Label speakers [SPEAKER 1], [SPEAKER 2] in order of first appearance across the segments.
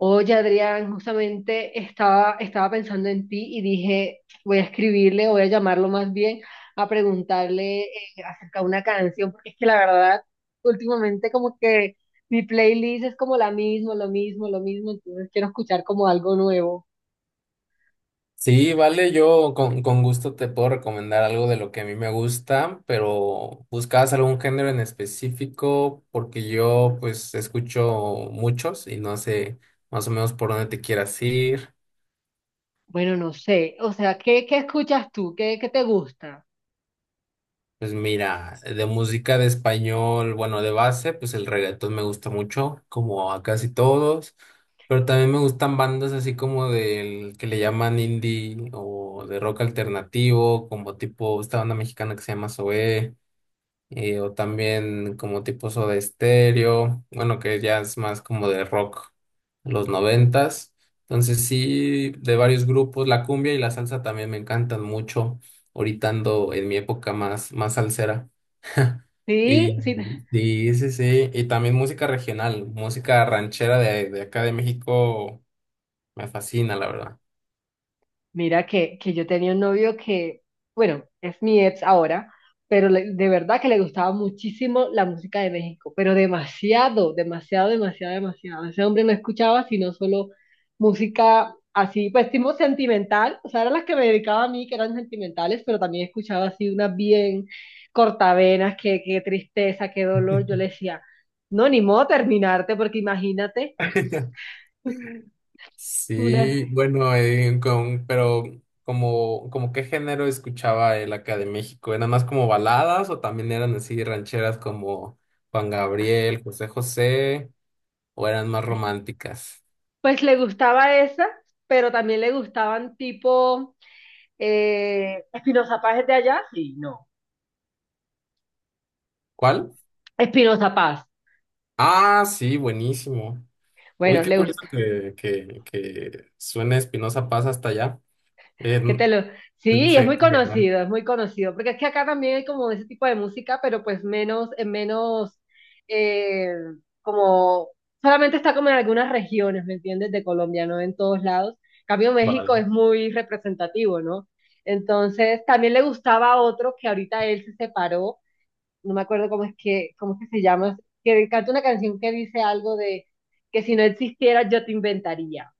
[SPEAKER 1] Oye, Adrián, justamente estaba pensando en ti y dije, voy a escribirle, voy a llamarlo más bien a preguntarle acerca de una canción, porque es que la verdad, últimamente como que mi playlist es como la misma, lo mismo, entonces quiero escuchar como algo nuevo.
[SPEAKER 2] Sí, vale, yo con gusto te puedo recomendar algo de lo que a mí me gusta, pero ¿buscabas algún género en específico? Porque yo pues escucho muchos y no sé más o menos por dónde te quieras ir.
[SPEAKER 1] Bueno, no sé, o sea, ¿qué escuchas tú? ¿Qué te gusta?
[SPEAKER 2] Pues mira, de música de español, bueno, de base, pues el reggaetón me gusta mucho, como a casi todos, pero también me gustan bandas así como del que le llaman indie o de rock alternativo, como tipo esta banda mexicana que se llama Zoé. O también como tipo Soda Stereo, bueno, que ya es más como de rock, los noventas. Entonces sí, de varios grupos, la cumbia y la salsa también me encantan mucho. Ahorita ando en mi época más salsera.
[SPEAKER 1] ¿Sí?
[SPEAKER 2] Y,
[SPEAKER 1] ¿Sí?
[SPEAKER 2] y sí, sí, y también música regional, música ranchera de acá de México, me fascina, la
[SPEAKER 1] Mira que yo tenía un novio que, bueno, es mi ex ahora, pero de verdad que le gustaba muchísimo la música de México, pero demasiado, demasiado, demasiado, demasiado. Ese hombre no escuchaba sino solo música así, pues tipo sentimental, o sea, eran las que me dedicaba a mí, que eran sentimentales, pero también escuchaba así unas bien cortavenas, que qué tristeza, qué dolor. Yo le decía, no, ni modo terminarte, porque imagínate.
[SPEAKER 2] verdad. Sí, bueno, pero como qué género escuchaba él acá de México, ¿eran más como baladas o también eran así rancheras como Juan Gabriel, José José, o eran más románticas?
[SPEAKER 1] Pues le gustaba esa, pero también le gustaban tipo Espinoza Paz es de allá, sí, no.
[SPEAKER 2] ¿Cuál?
[SPEAKER 1] Espinoza Paz.
[SPEAKER 2] Ah, sí, buenísimo. Uy,
[SPEAKER 1] Bueno,
[SPEAKER 2] qué
[SPEAKER 1] le gusta.
[SPEAKER 2] curioso que suene Espinosa Paz hasta allá. Eh,
[SPEAKER 1] ¿Qué
[SPEAKER 2] n-
[SPEAKER 1] te lo... Sí,
[SPEAKER 2] se- se-
[SPEAKER 1] es muy conocido, porque es que acá también hay como ese tipo de música, pero pues menos, en menos, eh, como, solamente está como en algunas regiones, ¿me entiendes? De Colombia, no en todos lados. En cambio, México
[SPEAKER 2] Vale.
[SPEAKER 1] es muy representativo, ¿no? Entonces, también le gustaba a otro que ahorita él se separó. No me acuerdo cómo es que se llama, que canta una canción que dice algo de que si no existiera yo te inventaría.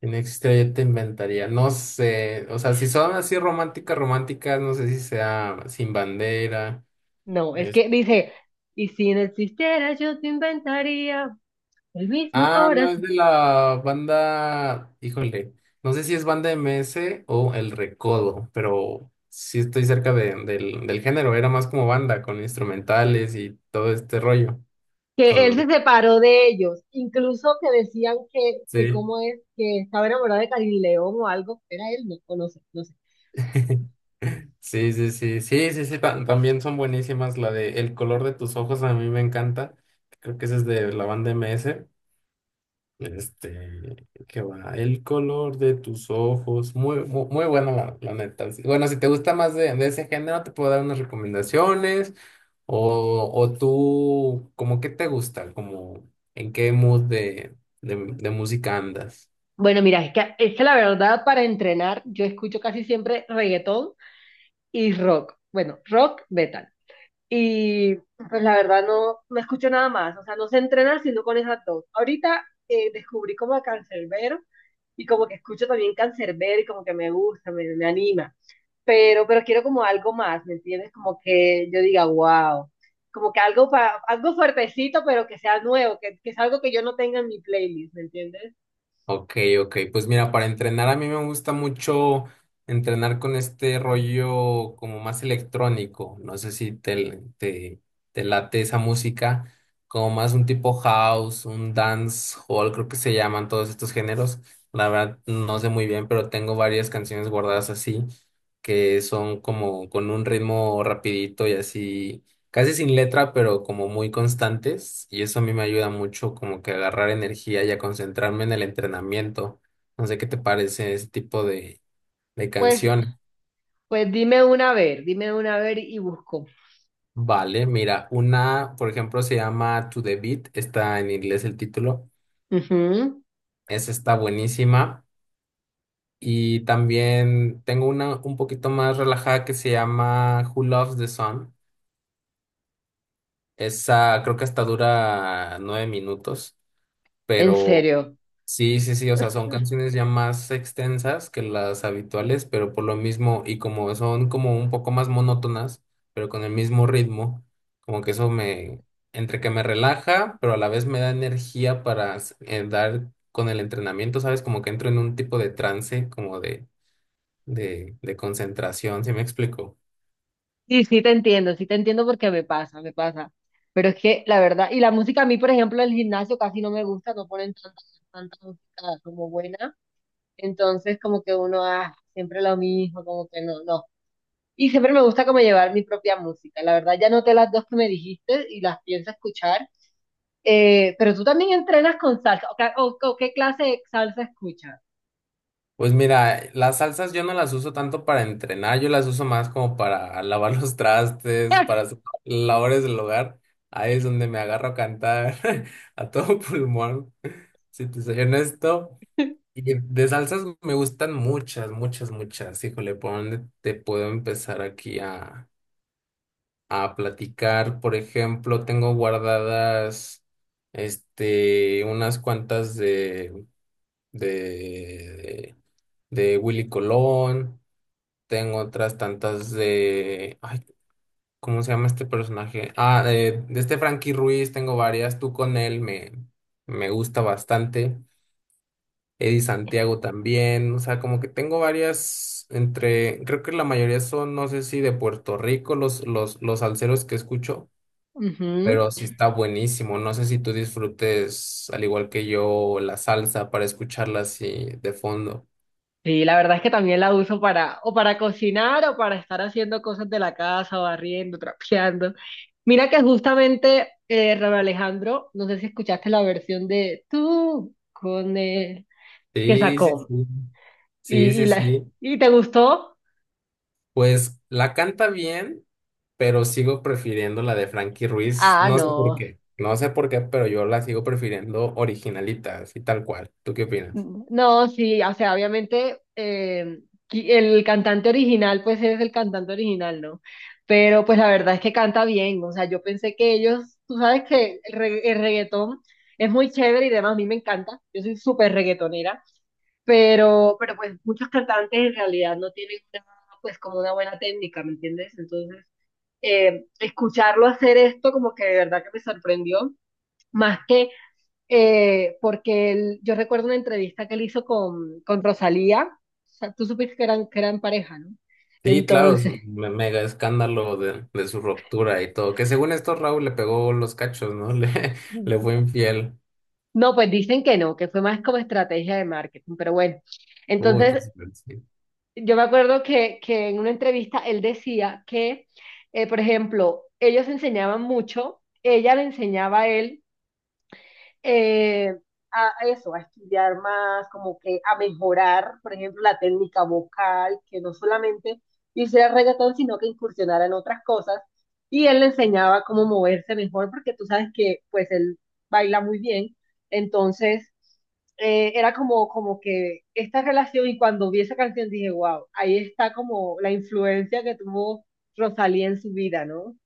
[SPEAKER 2] En extra yo te inventaría, no sé, o sea, si son así románticas, románticas, no sé si sea Sin Bandera.
[SPEAKER 1] No, es
[SPEAKER 2] es-
[SPEAKER 1] que dice, y si no existiera yo te inventaría el mismo
[SPEAKER 2] Ah, no, es
[SPEAKER 1] corazón.
[SPEAKER 2] de la banda, híjole, no sé si es banda MS o El Recodo, pero sí estoy cerca del género, era más como banda, con instrumentales y todo este rollo,
[SPEAKER 1] Que él se
[SPEAKER 2] con,
[SPEAKER 1] separó de ellos, incluso que decían que
[SPEAKER 2] sí.
[SPEAKER 1] cómo es, que estaba enamorado de Karim León o algo, era él, no, o no sé, no sé.
[SPEAKER 2] Sí, sí, sí, sí, sí, sí, también son buenísimas. La de El color de tus ojos a mí me encanta. Creo que esa es de la banda MS. Este, ¿qué va? El color de tus ojos. Muy bueno, la neta. Sí, bueno, si te gusta más de ese género, te puedo dar unas recomendaciones. O tú, ¿cómo qué te gusta? ¿Como en qué mood de música andas?
[SPEAKER 1] Bueno, mira, es que la verdad para entrenar yo escucho casi siempre reggaetón y rock. Bueno, rock metal. Y pues la verdad no, no escucho nada más, o sea, no sé entrenar sino con esas dos. Ahorita descubrí como a Cancerbero y como que escucho también Cancerbero y como que me gusta, me anima. Pero quiero como algo más, ¿me entiendes? Como que yo diga, wow, como que algo, algo fuertecito, pero que sea nuevo, que es algo que yo no tenga en mi playlist, ¿me entiendes?
[SPEAKER 2] Ok, ok. Pues mira, para entrenar a mí me gusta mucho entrenar con este rollo como más electrónico. No sé si te late esa música, como más un tipo house, un dance hall, creo que se llaman todos estos géneros. La verdad no sé muy bien, pero tengo varias canciones guardadas así, que son como con un ritmo rapidito y así casi sin letra, pero como muy constantes, y eso a mí me ayuda mucho como que a agarrar energía y a concentrarme en el entrenamiento. No sé qué te parece ese tipo de
[SPEAKER 1] Pues,
[SPEAKER 2] canción.
[SPEAKER 1] pues dime una a ver, dime una a ver y busco.
[SPEAKER 2] Vale, mira, una, por ejemplo, se llama To The Beat, está en inglés el título,
[SPEAKER 1] Ujú.
[SPEAKER 2] esa está buenísima. Y también tengo una un poquito más relajada que se llama Who Loves the Sun. Esa creo que hasta dura nueve minutos.
[SPEAKER 1] ¿En
[SPEAKER 2] Pero
[SPEAKER 1] serio?
[SPEAKER 2] sí, sí, sí, o sea, son canciones ya más extensas que las habituales, pero por lo mismo, y como son como un poco más monótonas, pero con el mismo ritmo, como que eso me, entre que me relaja, pero a la vez me da energía para dar con el entrenamiento, ¿sabes? Como que entro en un tipo de trance, como de concentración, ¿sí me explico?
[SPEAKER 1] Sí, sí te entiendo porque me pasa, me pasa. Pero es que la verdad, y la música a mí, por ejemplo, el gimnasio casi no me gusta, no ponen tanta, tanta música como buena. Entonces, como que uno, ah, siempre lo mismo, como que no, no. Y siempre me gusta como llevar mi propia música. La verdad, ya noté las dos que me dijiste y las pienso escuchar. Pero tú también entrenas con salsa. ¿O, o qué clase de salsa escuchas?
[SPEAKER 2] Pues mira, las salsas yo no las uso tanto para entrenar, yo las uso más como para lavar los trastes, para hacer labores del hogar. Ahí es donde me agarro a cantar a todo pulmón, si te soy honesto. Y de salsas me gustan muchas, muchas, muchas. Híjole, ¿por dónde te puedo empezar aquí a platicar? Por ejemplo, tengo guardadas este, unas cuantas de de Willy Colón. Tengo otras tantas de... Ay, ¿cómo se llama este personaje? Ah, de este Frankie Ruiz tengo varias. Tú con él me gusta bastante. Eddie Santiago también. O sea, como que tengo varias entre... Creo que la mayoría son, no sé si de Puerto Rico, los salseros que escucho.
[SPEAKER 1] Ujú.
[SPEAKER 2] Pero sí está buenísimo. No sé si tú disfrutes, al igual que yo, la salsa para escucharla así de fondo.
[SPEAKER 1] Sí, la verdad es que también la uso para, o para cocinar, o para estar haciendo cosas de la casa, barriendo, trapeando. Mira que justamente Raúl Alejandro, no sé si escuchaste la versión de tú con él, que
[SPEAKER 2] Sí, sí,
[SPEAKER 1] sacó.
[SPEAKER 2] sí. Sí,
[SPEAKER 1] Y,
[SPEAKER 2] sí,
[SPEAKER 1] la,
[SPEAKER 2] sí.
[SPEAKER 1] ¿y te gustó?
[SPEAKER 2] Pues la canta bien, pero sigo prefiriendo la de Frankie Ruiz.
[SPEAKER 1] Ah,
[SPEAKER 2] No sé por
[SPEAKER 1] no.
[SPEAKER 2] qué, no sé por qué, pero yo la sigo prefiriendo originalita, así tal cual. ¿Tú qué opinas?
[SPEAKER 1] No, sí, o sea, obviamente el cantante original, pues es el cantante original, ¿no? Pero pues la verdad es que canta bien, o sea, yo pensé que ellos, tú sabes que el, el reggaetón es muy chévere y demás, a mí me encanta, yo soy súper reggaetonera, pero pues muchos cantantes en realidad no tienen una, pues como una buena técnica, ¿me entiendes? Entonces, escucharlo hacer esto como que de verdad que me sorprendió, más que porque yo recuerdo una entrevista que él hizo con Rosalía, o sea, tú supiste que eran pareja, ¿no?
[SPEAKER 2] Sí, claro, es
[SPEAKER 1] Entonces,
[SPEAKER 2] un mega escándalo de su ruptura y todo. Que según esto, Raúl le pegó los cachos, ¿no? Le fue infiel.
[SPEAKER 1] no, pues dicen que no, que fue más como estrategia de marketing, pero bueno,
[SPEAKER 2] Uy,
[SPEAKER 1] entonces
[SPEAKER 2] pues sí.
[SPEAKER 1] yo me acuerdo que en una entrevista él decía que, por ejemplo, ellos enseñaban mucho, ella le enseñaba a él eh, a eso, a estudiar más, como que a mejorar, por ejemplo, la técnica vocal, que no solamente hiciera reggaetón, sino que incursionara en otras cosas. Y él le enseñaba cómo moverse mejor, porque tú sabes que pues él baila muy bien. Entonces, era como, como que esta relación y cuando vi esa canción dije, wow, ahí está como la influencia que tuvo Rosalía en su vida, ¿no?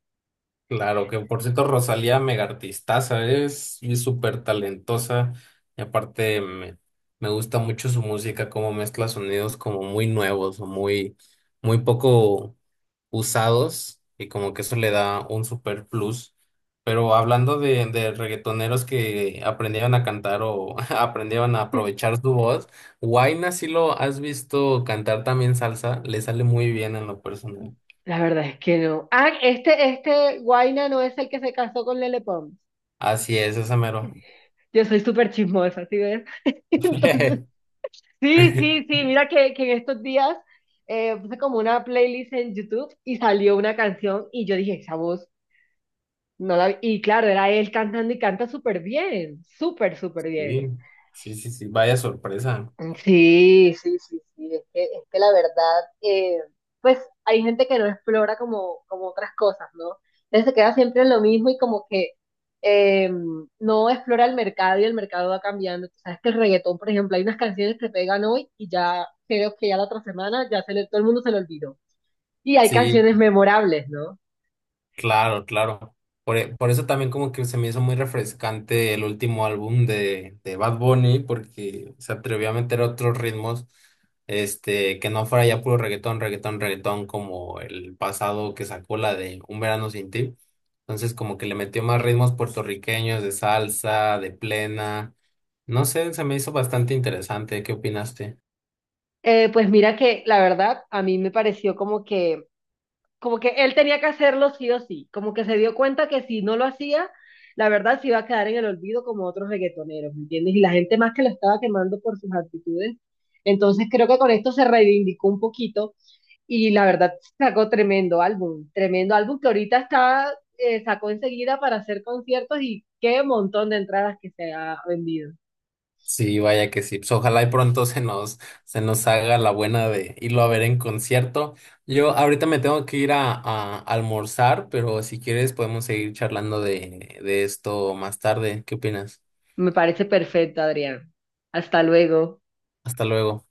[SPEAKER 2] Claro, que por cierto, Rosalía mega artistaza, es y súper talentosa. Y aparte, me gusta mucho su música, cómo mezcla sonidos como muy nuevos o muy, muy poco usados y como que eso le da un super plus. Pero hablando de reggaetoneros que aprendieron a cantar o aprendieron a aprovechar su voz, Huayna sí lo has visto cantar también salsa, le sale muy bien en lo personal.
[SPEAKER 1] La verdad es que no. Ah, este Guaina no es el que se casó con Lele Pons.
[SPEAKER 2] Así es, ese mero.
[SPEAKER 1] Yo soy súper chismosa, ¿sí ves? Entonces, sí, sí, sí, mira que en estos días puse como una playlist en YouTube y salió una canción y yo dije, esa voz, no la... Y claro, era él cantando y canta súper bien, súper, súper
[SPEAKER 2] Sí,
[SPEAKER 1] bien.
[SPEAKER 2] sí, sí, sí, vaya sorpresa.
[SPEAKER 1] Sí, sí, sí, sí. Es que la verdad, pues hay gente que no explora como, como otras cosas, ¿no? Entonces se queda siempre en lo mismo y como que eh, no explora el mercado y el mercado va cambiando. Tú sabes que el reggaetón, por ejemplo, hay unas canciones que pegan hoy y ya creo que ya la otra semana ya todo el mundo se lo olvidó. Y hay
[SPEAKER 2] Sí,
[SPEAKER 1] canciones memorables, ¿no?
[SPEAKER 2] claro, claro. Por, por eso también como que se me hizo muy refrescante el último álbum de Bad Bunny, porque se atrevió a meter otros ritmos, este, que no fuera ya puro reggaetón, reggaetón, reggaetón, como el pasado que sacó la de Un Verano Sin Ti. Entonces como que le metió más ritmos puertorriqueños, de salsa, de plena. No sé, se me hizo bastante interesante. ¿Qué opinaste?
[SPEAKER 1] Pues mira que la verdad a mí me pareció como que él tenía que hacerlo sí o sí, como que se dio cuenta que si no lo hacía, la verdad se iba a quedar en el olvido como otros reggaetoneros, ¿me entiendes? Y la gente más que lo estaba quemando por sus actitudes. Entonces creo que con esto se reivindicó un poquito y la verdad sacó tremendo álbum que ahorita está, sacó enseguida para hacer conciertos y qué montón de entradas que se ha vendido.
[SPEAKER 2] Sí, vaya que sí. Pues ojalá y pronto se nos haga la buena de irlo a ver en concierto. Yo ahorita me tengo que ir a almorzar, pero si quieres podemos seguir charlando de esto más tarde. ¿Qué opinas?
[SPEAKER 1] Me parece perfecto, Adrián. Hasta luego.
[SPEAKER 2] Hasta luego.